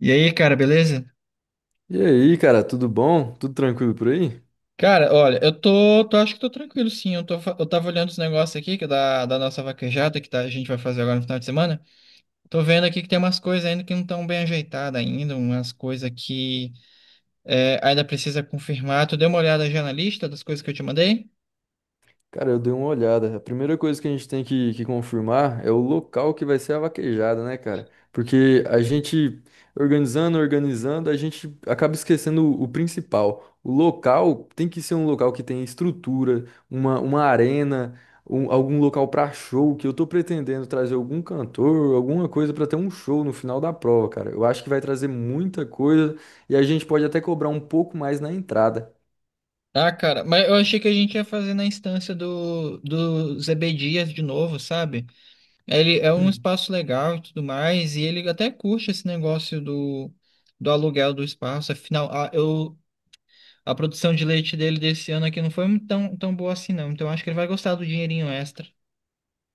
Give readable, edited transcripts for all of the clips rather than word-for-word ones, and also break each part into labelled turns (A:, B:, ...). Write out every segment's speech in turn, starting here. A: E aí, cara, beleza?
B: E aí, cara, tudo bom? Tudo tranquilo por aí?
A: Cara, olha, eu tô acho que tô tranquilo, sim. Eu tava olhando os negócios aqui, que é da nossa vaquejada, a gente vai fazer agora no final de semana. Tô vendo aqui que tem umas coisas ainda que não estão bem ajeitadas ainda, umas coisas que ainda precisa confirmar. Tu deu uma olhada já na lista das coisas que eu te mandei?
B: Cara, eu dei uma olhada. A primeira coisa que a gente tem que confirmar é o local que vai ser a vaquejada, né, cara? Porque a gente organizando, organizando, a gente acaba esquecendo o principal. O local tem que ser um local que tenha estrutura, uma arena, algum local pra show, que eu tô pretendendo trazer algum cantor, alguma coisa pra ter um show no final da prova, cara. Eu acho que vai trazer muita coisa e a gente pode até cobrar um pouco mais na entrada.
A: Ah, cara, mas eu achei que a gente ia fazer na instância do ZB Dias de novo, sabe? Ele é um espaço legal e tudo mais, e ele até curte esse negócio do aluguel do espaço. Afinal, a produção de leite dele desse ano aqui não foi muito tão boa assim, não. Então acho que ele vai gostar do dinheirinho extra.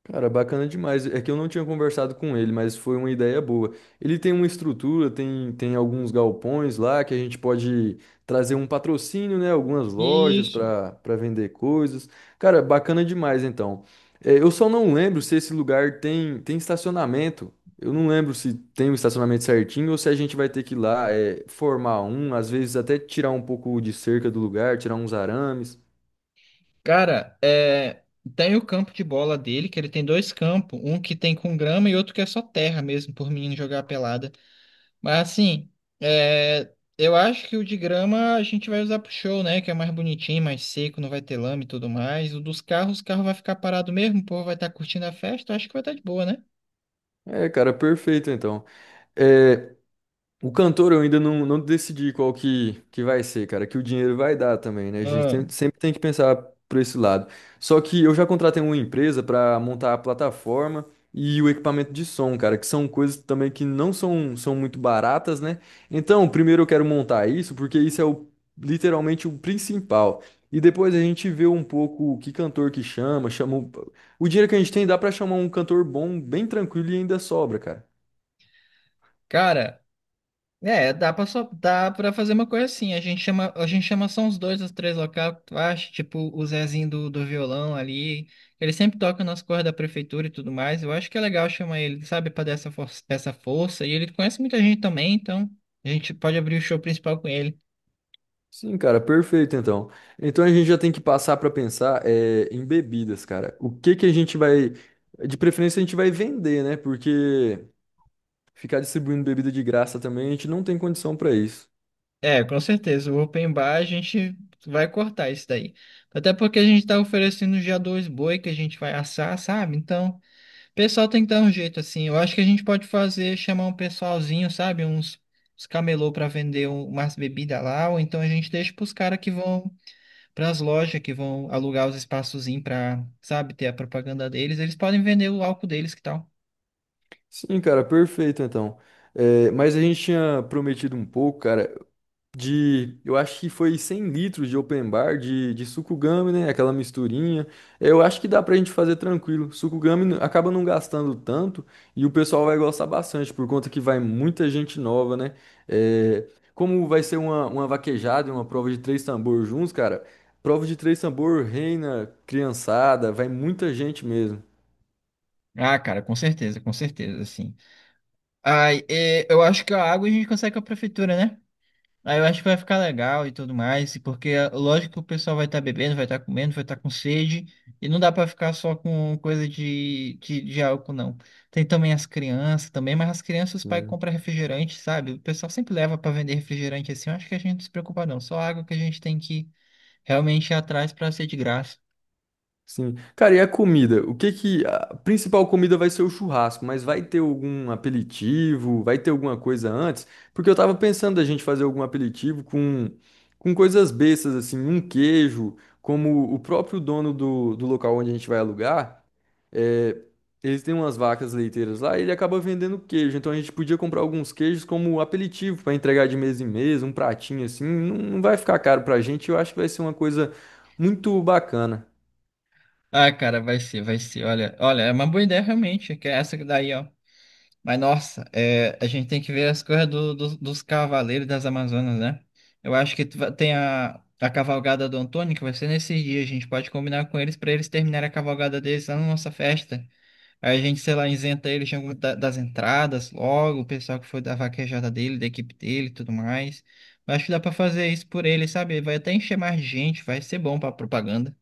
B: Cara, bacana demais. É que eu não tinha conversado com ele, mas foi uma ideia boa. Ele tem uma estrutura, tem alguns galpões lá que a gente pode trazer um patrocínio, né? Algumas lojas
A: Isso.
B: para vender coisas. Cara, bacana demais então. É, eu só não lembro se esse lugar tem estacionamento. Eu não lembro se tem o estacionamento certinho ou se a gente vai ter que ir lá, formar um, às vezes até tirar um pouco de cerca do lugar, tirar uns arames.
A: Cara, é, tem o campo de bola dele, que ele tem dois campos, um que tem com grama e outro que é só terra mesmo, por menino jogar pelada. Mas assim, é, eu acho que o de grama a gente vai usar pro show, né? Que é mais bonitinho, mais seco, não vai ter lama e tudo mais. O dos carros, o carro vai ficar parado mesmo, o povo vai estar curtindo a festa, eu acho que vai estar de boa, né?
B: É, cara, perfeito então. É. O cantor eu ainda não decidi qual que vai ser, cara, que o dinheiro vai dar também, né?
A: Ah.
B: Sempre tem que pensar por esse lado. Só que eu já contratei uma empresa para montar a plataforma e o equipamento de som, cara, que são coisas também que não são muito baratas, né? Então, primeiro eu quero montar isso, porque isso é literalmente o principal. E depois a gente vê um pouco que cantor que chama, o dinheiro que a gente tem dá para chamar um cantor bom, bem tranquilo e ainda sobra, cara.
A: Cara. É, dá pra, só, dá pra fazer uma coisa assim. A gente chama só uns dois ou três locais, tu acha? Tipo, o Zezinho do violão ali. Ele sempre toca nas cordas da prefeitura e tudo mais. Eu acho que é legal chamar ele, sabe, pra dar essa força, essa força. E ele conhece muita gente também, então a gente pode abrir o show principal com ele.
B: Sim, cara, perfeito então. Então a gente já tem que passar para pensar em bebidas, cara. O que que a gente vai, de preferência a gente vai vender, né? Porque ficar distribuindo bebida de graça também a gente não tem condição para isso.
A: É, com certeza. O open bar a gente vai cortar isso daí. Até porque a gente tá oferecendo já dois boi que a gente vai assar, sabe? Então. O pessoal tem que dar um jeito, assim. Eu acho que a gente pode fazer, chamar um pessoalzinho, sabe? Uns camelô para vender umas bebidas lá, ou então a gente deixa pros caras que vão, pras lojas que vão alugar os espaçozinhos pra, sabe, ter a propaganda deles. Eles podem vender o álcool deles, que tal?
B: Sim, cara, perfeito então. É, mas a gente tinha prometido um pouco, cara, eu acho que foi 100 litros de open bar de sucugame, né? Aquela misturinha. Eu acho que dá pra gente fazer tranquilo. Acaba não gastando tanto e o pessoal vai gostar bastante, por conta que vai muita gente nova, né? É, como vai ser uma vaquejada e uma prova de três tambor juntos, cara, prova de três tambor reina criançada, vai muita gente mesmo.
A: Ah, cara, com certeza, sim. Ai, é, eu acho que a água a gente consegue com a prefeitura, né? Aí eu acho que vai ficar legal e tudo mais, e porque é lógico que o pessoal vai estar bebendo, vai estar comendo, vai estar com sede, e não dá para ficar só com coisa de álcool, não. Tem também as crianças também, mas as crianças os pais compram refrigerante, sabe? O pessoal sempre leva para vender refrigerante assim, eu acho que a gente não se preocupa não, só água que a gente tem que realmente ir atrás para ser de graça.
B: Sim. Cara, e a comida? O que que a principal comida vai ser o churrasco, mas vai ter algum aperitivo? Vai ter alguma coisa antes? Porque eu tava pensando a gente fazer algum aperitivo com coisas bestas assim, um queijo, como o próprio dono do local onde a gente vai alugar, é, eles têm umas vacas leiteiras lá, e ele acaba vendendo queijo. Então a gente podia comprar alguns queijos como aperitivo para entregar de mesa em mesa, um pratinho assim, não vai ficar caro pra gente, eu acho que vai ser uma coisa muito bacana.
A: Ah, cara, vai ser, vai ser. Olha, olha, é uma boa ideia realmente, que é essa daí, ó. Mas nossa, é, a gente tem que ver as coisas dos cavaleiros das Amazonas, né? Eu acho que tu vai- tem a cavalgada do Antônio, que vai ser nesse dia. A gente pode combinar com eles para eles terminarem a cavalgada deles lá na nossa festa. Aí a gente, sei lá, isenta eles de das entradas logo, o pessoal que foi da vaquejada dele, da equipe dele e tudo mais. Eu acho que dá para fazer isso por eles, sabe? Vai até encher mais gente, vai ser bom para propaganda.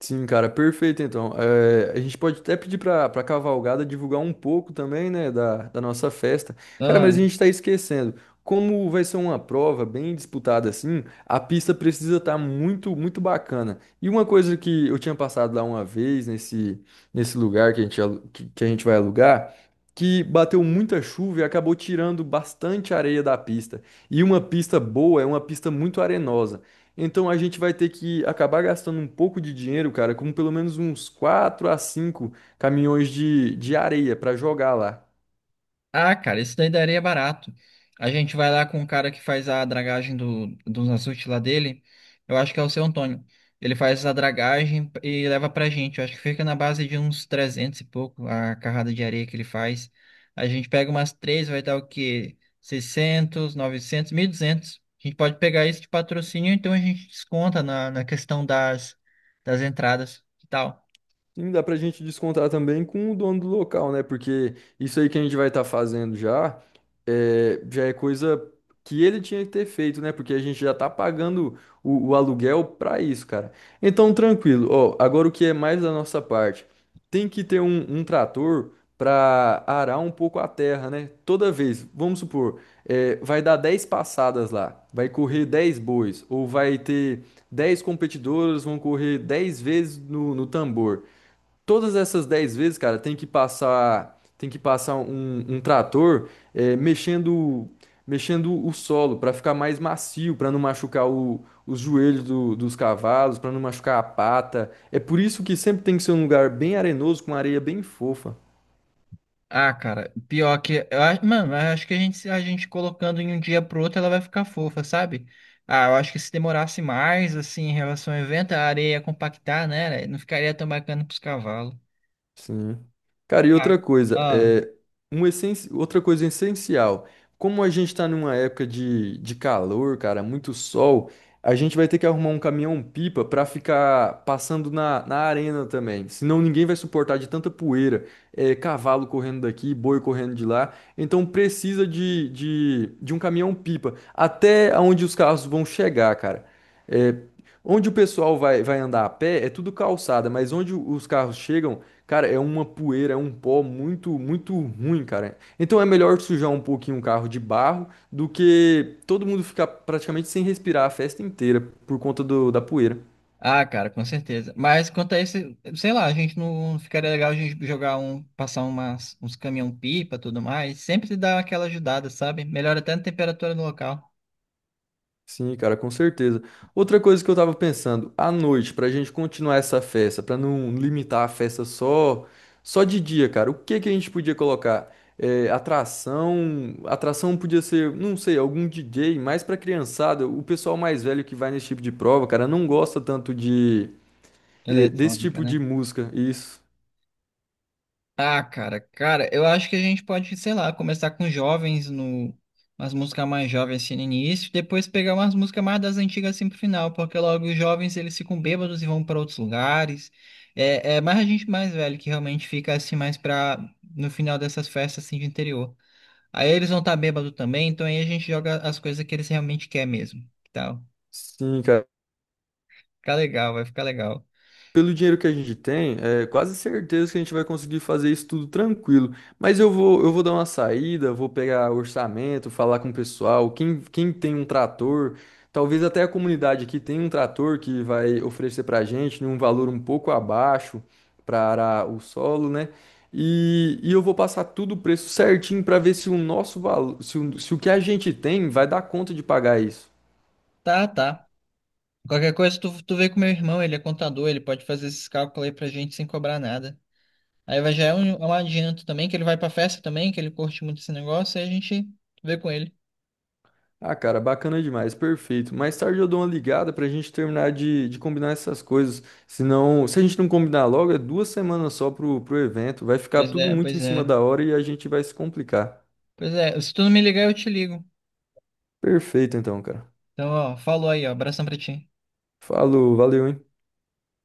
B: Sim, cara, perfeito então. Eh, a gente pode até pedir para Cavalgada divulgar um pouco também, né, da nossa festa. Cara, mas a gente está esquecendo. Como vai ser uma prova bem disputada assim, a pista precisa estar muito, muito bacana. E uma coisa que eu tinha passado lá uma vez, nesse lugar que a gente, alu- que a gente vai alugar, que bateu muita chuva e acabou tirando bastante areia da pista. E uma pista boa é uma pista muito arenosa. Então a gente vai ter que acabar gastando um pouco de dinheiro, cara, com pelo menos uns 4 a 5 caminhões de areia para jogar lá.
A: Ah, cara, isso daí daria barato. A gente vai lá com o cara que faz a dragagem dos açudes lá dele. Eu acho que é o seu Antônio. Ele faz a dragagem e leva pra gente. Eu acho que fica na base de uns 300 e pouco a carrada de areia que ele faz. A gente pega umas três, vai dar o quê? 600, 900, 200. A gente pode pegar isso de patrocínio, então a gente desconta na, na questão das, das entradas. Que tal?
B: Sim, dá pra gente descontar também com o dono do local, né? Porque isso aí que a gente vai estar fazendo já é coisa que ele tinha que ter feito, né? Porque a gente já tá pagando o aluguel pra isso, cara. Então, tranquilo. Ó, agora o que é mais da nossa parte? Tem que ter um trator pra arar um pouco a terra, né? Toda vez, vamos supor, é, vai dar 10 passadas lá, vai correr 10 bois, ou vai ter 10 competidoras, vão correr 10 vezes no tambor todas essas 10 vezes, cara, tem que passar um trator mexendo, mexendo o solo para ficar mais macio, para não machucar os joelhos dos cavalos, para não machucar a pata. É por isso que sempre tem que ser um lugar bem arenoso, com areia bem fofa.
A: Ah, cara, pior que. Eu, acho- mano, eu acho que a gente colocando em um dia pro outro, ela vai ficar fofa, sabe? Ah, eu acho que se demorasse mais, assim, em relação ao evento, a areia ia compactar, né? Não ficaria tão bacana pros cavalos.
B: Sim. Cara, e
A: Ah,
B: outra coisa,
A: ah.
B: outra coisa essencial. Como a gente tá numa época de calor, cara, muito sol, a gente vai ter que arrumar um caminhão-pipa pra ficar passando na, na arena também. Senão ninguém vai suportar de tanta poeira, é, cavalo correndo daqui, boi correndo de lá. Então precisa de um caminhão-pipa até onde os carros vão chegar, cara. É, onde o pessoal vai, vai andar a pé é tudo calçada, mas onde os carros chegam, cara, é uma poeira, é um pó muito, muito ruim, cara. Então é melhor sujar um pouquinho um carro de barro do que todo mundo ficar praticamente sem respirar a festa inteira por conta da poeira.
A: Ah, cara, com certeza. Mas quanto a esse, sei lá, a gente não ficaria legal a gente jogar um, passar uns caminhão pipa, tudo mais. Sempre dá aquela ajudada, sabe? Melhora até a temperatura no local.
B: Sim, cara, com certeza. Outra coisa que eu tava pensando, à noite, pra gente continuar essa festa, pra não limitar a festa só de dia, cara, o que que a gente podia colocar? É, atração, atração podia ser, não sei, algum DJ, mais pra criançada, o pessoal mais velho que vai nesse tipo de prova, cara, não gosta tanto de desse
A: Eletrônica,
B: tipo de
A: né?
B: música. Isso.
A: Ah, cara, eu acho que a gente pode, sei lá, começar com jovens no umas músicas mais jovens assim no início, depois pegar umas músicas mais das antigas assim pro final, porque logo os jovens eles ficam bêbados e vão para outros lugares. É, é mais a gente mais velho que realmente fica assim mais pra no final dessas festas assim de interior. Aí eles vão estar tá bêbado também, então aí a gente joga as coisas que eles realmente quer mesmo, que tal?
B: Sim, cara.
A: Fica legal, vai ficar legal.
B: Pelo dinheiro que a gente tem, é quase certeza que a gente vai conseguir fazer isso tudo tranquilo. Mas eu vou dar uma saída, vou pegar orçamento, falar com o pessoal, quem tem um trator, talvez até a comunidade aqui tenha um trator que vai oferecer pra gente num valor um pouco abaixo para arar o solo, né? E eu vou passar tudo o preço certinho para ver se o nosso valor, se o que a gente tem vai dar conta de pagar isso.
A: Tá, tá. Qualquer coisa tu vê com meu irmão, ele é contador, ele pode fazer esses cálculos aí pra gente sem cobrar nada. Aí vai já é um, adianto também, que ele vai pra festa também, que ele curte muito esse negócio, e a gente vê com ele.
B: Ah, cara, bacana demais, perfeito. Mais tarde eu dou uma ligada pra gente terminar de combinar essas coisas. Senão, se a gente não combinar logo, é 2 semanas só pro evento. Vai ficar
A: Pois
B: tudo
A: é,
B: muito
A: pois
B: em cima
A: é.
B: da hora e a gente vai se complicar.
A: Pois é, se tu não me ligar, eu te ligo.
B: Perfeito, então, cara.
A: Então, ó, falou aí, ó, abração pra ti.
B: Falou, valeu, hein?